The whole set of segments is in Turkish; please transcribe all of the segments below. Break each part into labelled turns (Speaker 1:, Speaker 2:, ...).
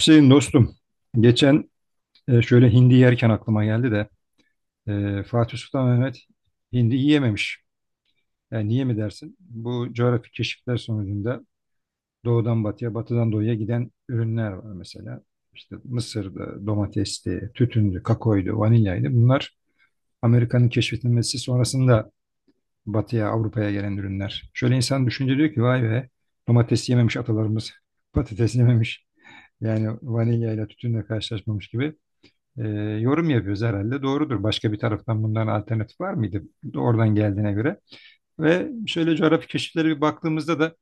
Speaker 1: Hüseyin dostum, geçen şöyle hindi yerken aklıma geldi de Fatih Sultan Mehmet hindi yiyememiş. Yani niye mi dersin? Bu coğrafi keşifler sonucunda doğudan batıya, batıdan doğuya giden ürünler var mesela. İşte mısırdı, domatesti, tütündü, kakoydu, vanilyaydı. Bunlar Amerika'nın keşfedilmesi sonrasında batıya, Avrupa'ya gelen ürünler. Şöyle insan düşünce diyor ki vay be domates yememiş atalarımız, patates yememiş. Yani vanilyayla tütünle karşılaşmamış gibi. e, Yorum yapıyoruz herhalde. Doğrudur. Başka bir taraftan bunların alternatif var mıydı? Oradan geldiğine göre. Ve şöyle coğrafi keşiflere bir baktığımızda da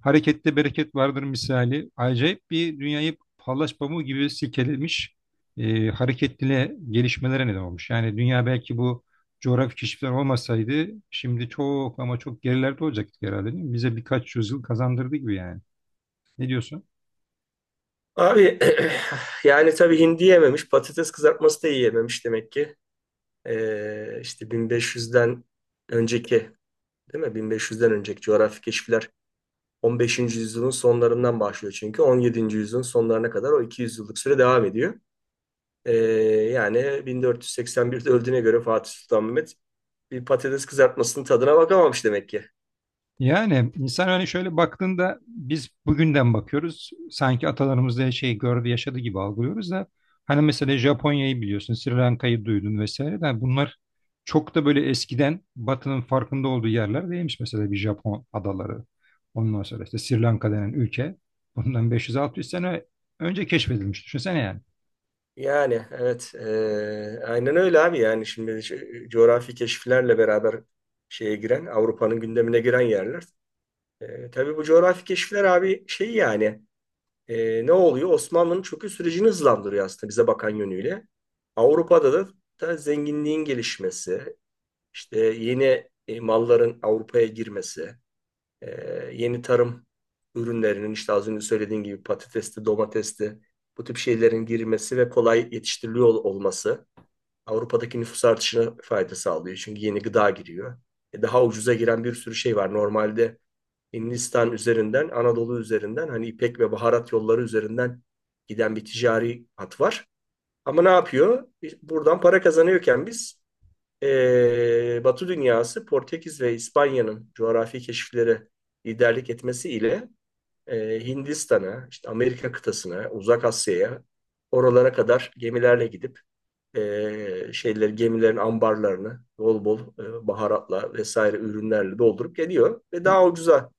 Speaker 1: harekette bereket vardır misali. Acayip bir dünyayı pallaş pamuğu gibi silkelemiş, hareketli gelişmelere neden olmuş. Yani dünya belki bu coğrafi keşifler olmasaydı şimdi çok ama çok gerilerde olacaktık herhalde, değil mi? Bize birkaç yüzyıl kazandırdı gibi yani. Ne diyorsun?
Speaker 2: Abi yani tabii hindi yememiş, patates kızartması da yiyememiş demek ki. İşte 1500'den önceki, değil mi? 1500'den önceki coğrafi keşifler 15. yüzyılın sonlarından başlıyor, çünkü 17. yüzyılın sonlarına kadar o 200 yıllık süre devam ediyor. Ee, yani 1481'de öldüğüne göre Fatih Sultan Mehmet bir patates kızartmasının tadına bakamamış demek ki.
Speaker 1: Yani insan hani şöyle baktığında biz bugünden bakıyoruz. Sanki atalarımız da şey gördü, yaşadı gibi algılıyoruz da hani mesela Japonya'yı biliyorsun, Sri Lanka'yı duydun vesaire de bunlar çok da böyle eskiden Batı'nın farkında olduğu yerler değilmiş. Mesela bir Japon adaları. Ondan sonra işte Sri Lanka denen ülke bundan 500-600 sene önce keşfedilmiş. Düşünsene yani.
Speaker 2: Yani evet, aynen öyle abi. Yani şimdi şu coğrafi keşiflerle beraber şeye giren, Avrupa'nın gündemine giren yerler. Tabii bu coğrafi keşifler abi, şey yani, ne oluyor? Osmanlı'nın çöküş sürecini hızlandırıyor aslında, bize bakan yönüyle. Avrupa'da da zenginliğin gelişmesi, işte yeni malların Avrupa'ya girmesi, e, yeni tarım ürünlerinin, işte az önce söylediğin gibi, patatesti, domatesti, bu tip şeylerin girmesi ve kolay yetiştiriliyor olması Avrupa'daki nüfus artışına fayda sağlıyor. Çünkü yeni gıda giriyor. Daha ucuza giren bir sürü şey var. Normalde Hindistan üzerinden, Anadolu üzerinden, hani ipek ve baharat yolları üzerinden giden bir ticari hat var. Ama ne yapıyor? Buradan para kazanıyorken biz, Batı dünyası, Portekiz ve İspanya'nın coğrafi keşiflere liderlik etmesiyle Hindistan'a, işte Amerika kıtasına, Uzak Asya'ya, oralara kadar gemilerle gidip şeyler, gemilerin ambarlarını bol bol baharatla vesaire ürünlerle doldurup geliyor ve daha ucuza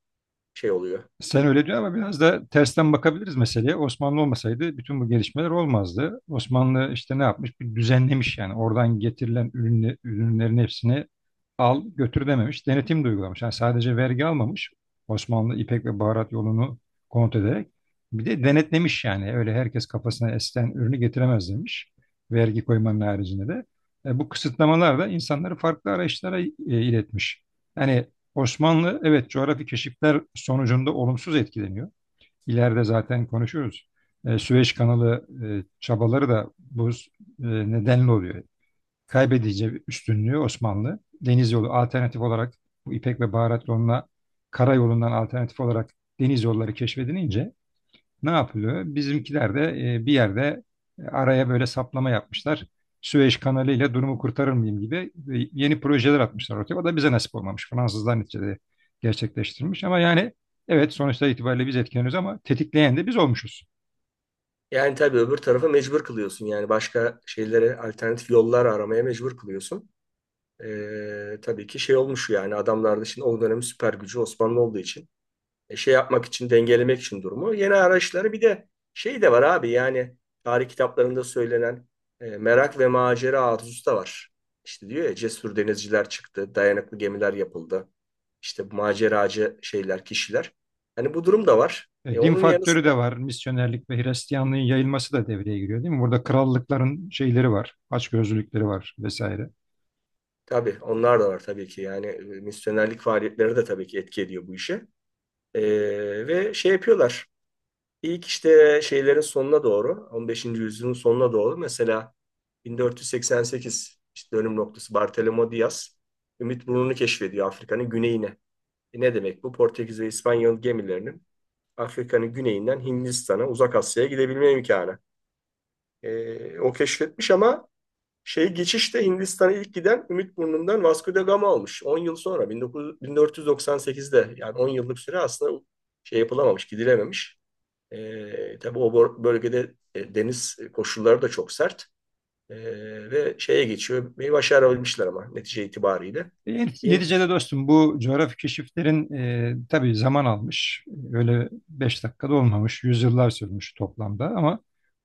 Speaker 2: şey oluyor.
Speaker 1: Sen öyle diyor ama biraz da tersten bakabiliriz meseleye. Osmanlı olmasaydı bütün bu gelişmeler olmazdı. Osmanlı işte ne yapmış? Bir düzenlemiş yani. Oradan getirilen ürünle, ürünlerin hepsini al götür dememiş. Denetim de uygulamış. Yani sadece vergi almamış. Osmanlı ipek ve baharat yolunu kontrol ederek. Bir de denetlemiş yani. Öyle herkes kafasına esen ürünü getiremez demiş. Vergi koymanın haricinde de. Bu kısıtlamalar da insanları farklı araçlara iletmiş. Yani Osmanlı evet coğrafi keşifler sonucunda olumsuz etkileniyor. İleride zaten konuşuyoruz. Süveyş kanalı çabaları da bu nedenle oluyor. Kaybedince üstünlüğü Osmanlı. Deniz yolu alternatif olarak bu İpek ve Baharat yoluna karayolundan alternatif olarak deniz yolları keşfedilince ne yapılıyor? Bizimkiler de bir yerde araya böyle saplama yapmışlar. Süveyş Kanalı ile durumu kurtarır mıyım gibi yeni projeler atmışlar ortaya. O da bize nasip olmamış. Fransızlar neticede gerçekleştirmiş. Ama yani evet sonuçta itibariyle biz etkileniyoruz ama tetikleyen de biz olmuşuz.
Speaker 2: Yani tabii öbür tarafa mecbur kılıyorsun. Yani başka şeylere alternatif yollar aramaya mecbur kılıyorsun. Tabii ki şey olmuş yani. Adamlarda, şimdi o dönemin süper gücü Osmanlı olduğu için, şey yapmak için, dengelemek için durumu, yeni araçları. Bir de şey de var abi, yani tarih kitaplarında söylenen merak ve macera arzusu da var. İşte diyor ya, cesur denizciler çıktı, dayanıklı gemiler yapıldı. İşte bu maceracı şeyler, kişiler. Hani bu durum da var. E,
Speaker 1: Din
Speaker 2: onun yanı
Speaker 1: faktörü
Speaker 2: sıra
Speaker 1: de var. Misyonerlik ve Hristiyanlığın yayılması da devreye giriyor, değil mi? Burada krallıkların şeyleri var. Açgözlülükleri var vesaire.
Speaker 2: tabii onlar da var, tabii ki. Yani misyonerlik faaliyetleri de tabii ki etki ediyor bu işe. E, ve şey yapıyorlar. İlk, işte şeylerin sonuna doğru, 15. yüzyılın sonuna doğru, mesela 1488 işte dönüm noktası. Bartolomé Diaz Ümit Burnu'nu keşfediyor, Afrika'nın güneyine. Ne demek bu? Portekiz ve İspanyol gemilerinin Afrika'nın güneyinden Hindistan'a, Uzak Asya'ya gidebilme imkanı. O keşfetmiş ama şey, geçişte Hindistan'a ilk giden Ümit Burnu'ndan Vasco da Gama olmuş. 10 yıl sonra, 1900 1498'de, yani 10 yıllık süre aslında şey yapılamamış, gidilememiş. Tabii o bölgede deniz koşulları da çok sert. E, ve şeye geçiyor. Bir başarabilmişler ama netice itibariyle.
Speaker 1: E,
Speaker 2: İn,
Speaker 1: neticede dostum bu coğrafi keşiflerin, tabii zaman almış. E, Öyle beş dakikada olmamış. Yüzyıllar sürmüş toplamda ama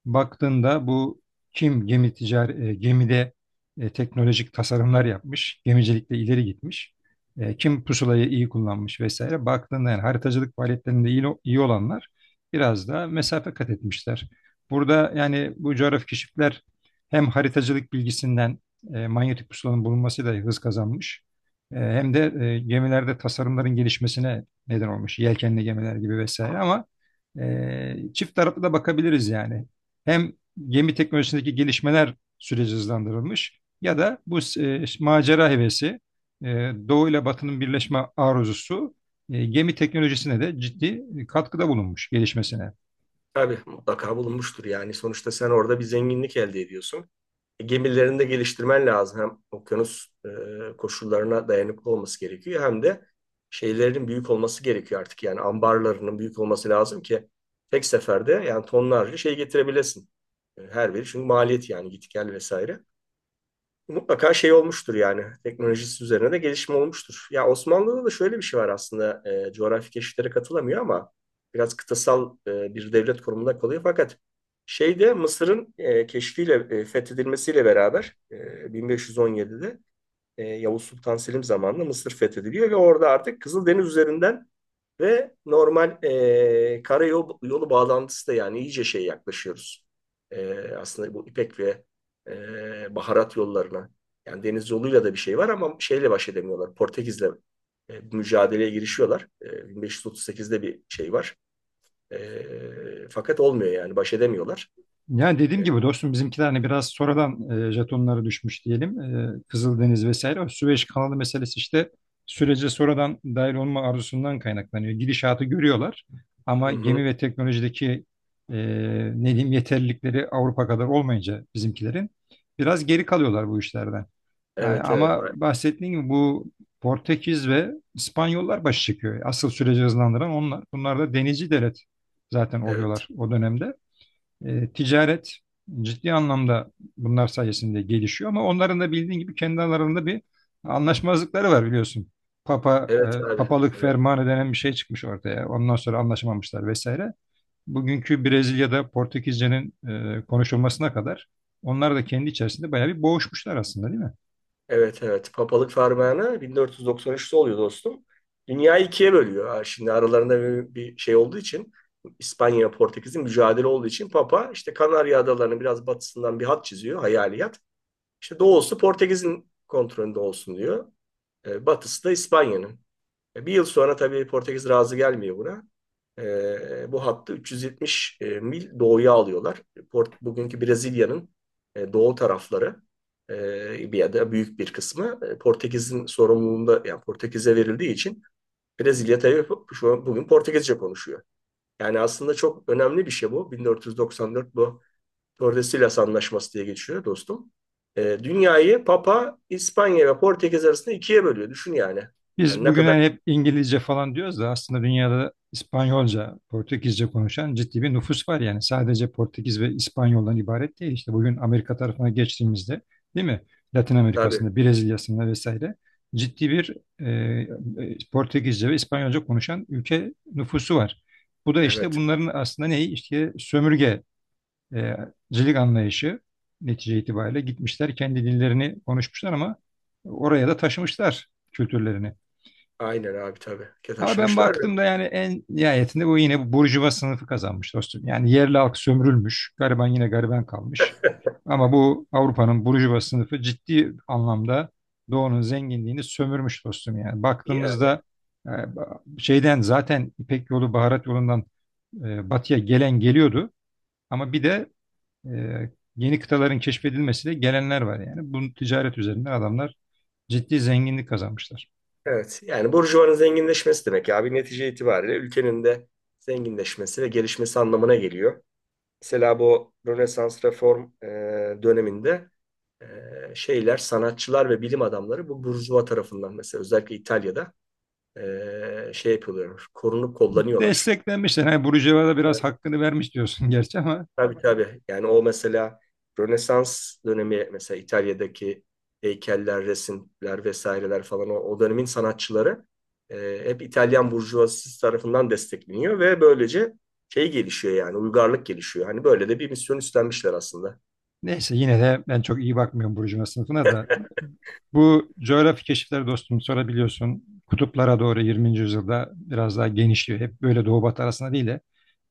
Speaker 1: baktığında bu kim gemi ticari, gemide teknolojik tasarımlar yapmış. Gemicilikte ileri gitmiş. E, kim pusulayı iyi kullanmış vesaire. Baktığında yani haritacılık faaliyetlerinde iyi olanlar biraz da mesafe kat etmişler. Burada yani bu coğrafi keşifler hem haritacılık bilgisinden, manyetik pusulanın bulunmasıyla hız kazanmış. E, Hem de gemilerde tasarımların gelişmesine neden olmuş. Yelkenli gemiler gibi vesaire ama çift taraflı da bakabiliriz yani. Hem gemi teknolojisindeki gelişmeler süreci hızlandırılmış ya da bu macera hevesi, e, Doğu ile Batı'nın birleşme arzusu gemi teknolojisine de ciddi katkıda bulunmuş gelişmesine.
Speaker 2: tabii mutlaka bulunmuştur yani. Sonuçta sen orada bir zenginlik elde ediyorsun. Gemilerini de geliştirmen lazım. Hem okyanus koşullarına dayanıklı olması gerekiyor, hem de şeylerin büyük olması gerekiyor artık. Yani ambarlarının büyük olması lazım ki tek seferde yani tonlarca şey getirebilesin. Her biri çünkü maliyet, yani git gel vesaire. Mutlaka şey olmuştur yani. Teknolojisi üzerine de gelişme olmuştur. Ya Osmanlı'da da şöyle bir şey var aslında. Coğrafi keşiflere katılamıyor ama biraz kıtasal bir devlet konumunda kalıyor. Fakat şeyde, Mısır'ın keşfiyle, fethedilmesiyle beraber, 1517'de Yavuz Sultan Selim zamanında Mısır fethediliyor ve orada artık Kızıldeniz üzerinden ve normal karayolu yolu bağlantısı da, yani iyice şey, yaklaşıyoruz. Aslında bu İpek ve baharat yollarına. Yani deniz yoluyla da bir şey var ama şeyle baş edemiyorlar. Portekiz'le mücadeleye girişiyorlar. 1538'de bir şey var. Fakat olmuyor, yani baş edemiyorlar.
Speaker 1: Yani
Speaker 2: E,
Speaker 1: dediğim gibi dostum bizimkiler hani biraz sonradan jetonları düşmüş diyelim. E, Kızıldeniz vesaire. O Süveyş kanalı meselesi işte sürece sonradan dahil olma arzusundan kaynaklanıyor. Gidişatı görüyorlar
Speaker 2: hı
Speaker 1: ama
Speaker 2: hı.
Speaker 1: gemi ve teknolojideki e, ne diyeyim yeterlilikleri Avrupa kadar olmayınca bizimkilerin biraz geri kalıyorlar bu işlerden. Yani
Speaker 2: Evet, evet,
Speaker 1: ama bahsettiğim gibi bu Portekiz ve İspanyollar başı çıkıyor. Asıl süreci hızlandıran onlar. Bunlar da denizci devlet zaten
Speaker 2: evet,
Speaker 1: oluyorlar o dönemde. E, ticaret ciddi anlamda bunlar sayesinde gelişiyor ama onların da bildiğin gibi kendi aralarında bir anlaşmazlıkları var biliyorsun. Papa,
Speaker 2: evet abi.
Speaker 1: papalık
Speaker 2: Evet.
Speaker 1: fermanı denen bir şey çıkmış ortaya. Ondan sonra anlaşamamışlar vesaire. Bugünkü Brezilya'da Portekizce'nin konuşulmasına kadar onlar da kendi içerisinde bayağı bir boğuşmuşlar aslında, değil mi?
Speaker 2: Evet, evet. Papalık fermanı 1493'te oluyor dostum. Dünyayı ikiye bölüyor. Ha, şimdi aralarında bir şey olduğu için, İspanya ve Portekiz'in mücadele olduğu için, Papa işte Kanarya Adaları'nın biraz batısından bir hat çiziyor. Hayali hat. İşte doğusu Portekiz'in kontrolünde olsun diyor. Batısı da İspanya'nın. Bir yıl sonra tabii Portekiz razı gelmiyor buna. Bu hattı 370 mil doğuya alıyorlar. Bugünkü Brezilya'nın doğu tarafları, bir ya da büyük bir kısmı Portekiz'in sorumluluğunda, yani Portekiz'e verildiği için Brezilya tabii şu an bugün Portekizce konuşuyor. Yani aslında çok önemli bir şey bu. 1494, bu Tordesillas Anlaşması diye geçiyor dostum. Dünyayı Papa, İspanya ve Portekiz arasında ikiye bölüyor. Düşün yani. Yani
Speaker 1: Biz
Speaker 2: ne
Speaker 1: bugün
Speaker 2: kadar,
Speaker 1: hani hep İngilizce falan diyoruz da aslında dünyada İspanyolca, Portekizce konuşan ciddi bir nüfus var yani. Sadece Portekiz ve İspanyoldan ibaret değil. İşte bugün Amerika tarafına geçtiğimizde, değil mi? Latin
Speaker 2: tabii.
Speaker 1: Amerika'sında, Brezilya'sında vesaire ciddi bir Portekizce ve İspanyolca konuşan ülke nüfusu var. Bu da işte
Speaker 2: Evet.
Speaker 1: bunların aslında neyi? İşte sömürgecilik anlayışı netice itibariyle gitmişler kendi dillerini konuşmuşlar ama oraya da taşımışlar kültürlerini.
Speaker 2: Aynen abi, tabii. Ke
Speaker 1: Ama ben
Speaker 2: taşımışlar.
Speaker 1: baktığımda yani en nihayetinde bu yine bu burjuva sınıfı kazanmış dostum. Yani yerli halk sömürülmüş, gariban yine gariban kalmış. Ama bu Avrupa'nın burjuva sınıfı ciddi anlamda Doğu'nun zenginliğini sömürmüş dostum yani.
Speaker 2: Ya,
Speaker 1: Baktığımızda e, şeyden zaten İpek yolu, baharat yolundan batıya gelen geliyordu. Ama bir de e, yeni kıtaların keşfedilmesiyle gelenler var yani. Bu ticaret üzerinden adamlar ciddi zenginlik kazanmışlar.
Speaker 2: evet, yani burjuvanın zenginleşmesi demek ya abi, netice itibariyle ülkenin de zenginleşmesi ve gelişmesi anlamına geliyor. Mesela bu Rönesans reform döneminde, e, şeyler, sanatçılar ve bilim adamları bu burjuva tarafından, mesela özellikle İtalya'da şey yapıyorlar, korunup kollanıyorlar.
Speaker 1: Desteklenmişler. Hani Burcuva'ya da biraz hakkını vermiş diyorsun gerçi ama
Speaker 2: Tabii, tabii. Yani o mesela Rönesans dönemi, mesela İtalya'daki heykeller, resimler vesaireler falan, o dönemin sanatçıları hep İtalyan burjuvazisi tarafından destekleniyor ve böylece şey gelişiyor, yani uygarlık gelişiyor. Hani böyle de bir misyon üstlenmişler aslında.
Speaker 1: neyse yine de ben çok iyi bakmıyorum Burcuva sınıfına da. Bu coğrafi keşifler dostum sonra biliyorsun kutuplara doğru 20. yüzyılda biraz daha genişliyor. Hep böyle doğu batı arasında değil de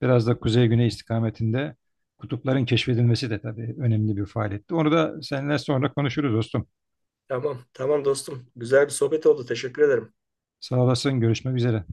Speaker 1: biraz da kuzey güney istikametinde kutupların keşfedilmesi de tabii önemli bir faaliyetti. Onu da seninle sonra konuşuruz dostum.
Speaker 2: Tamam, tamam dostum. Güzel bir sohbet oldu. Teşekkür ederim.
Speaker 1: Sağ olasın, görüşmek üzere.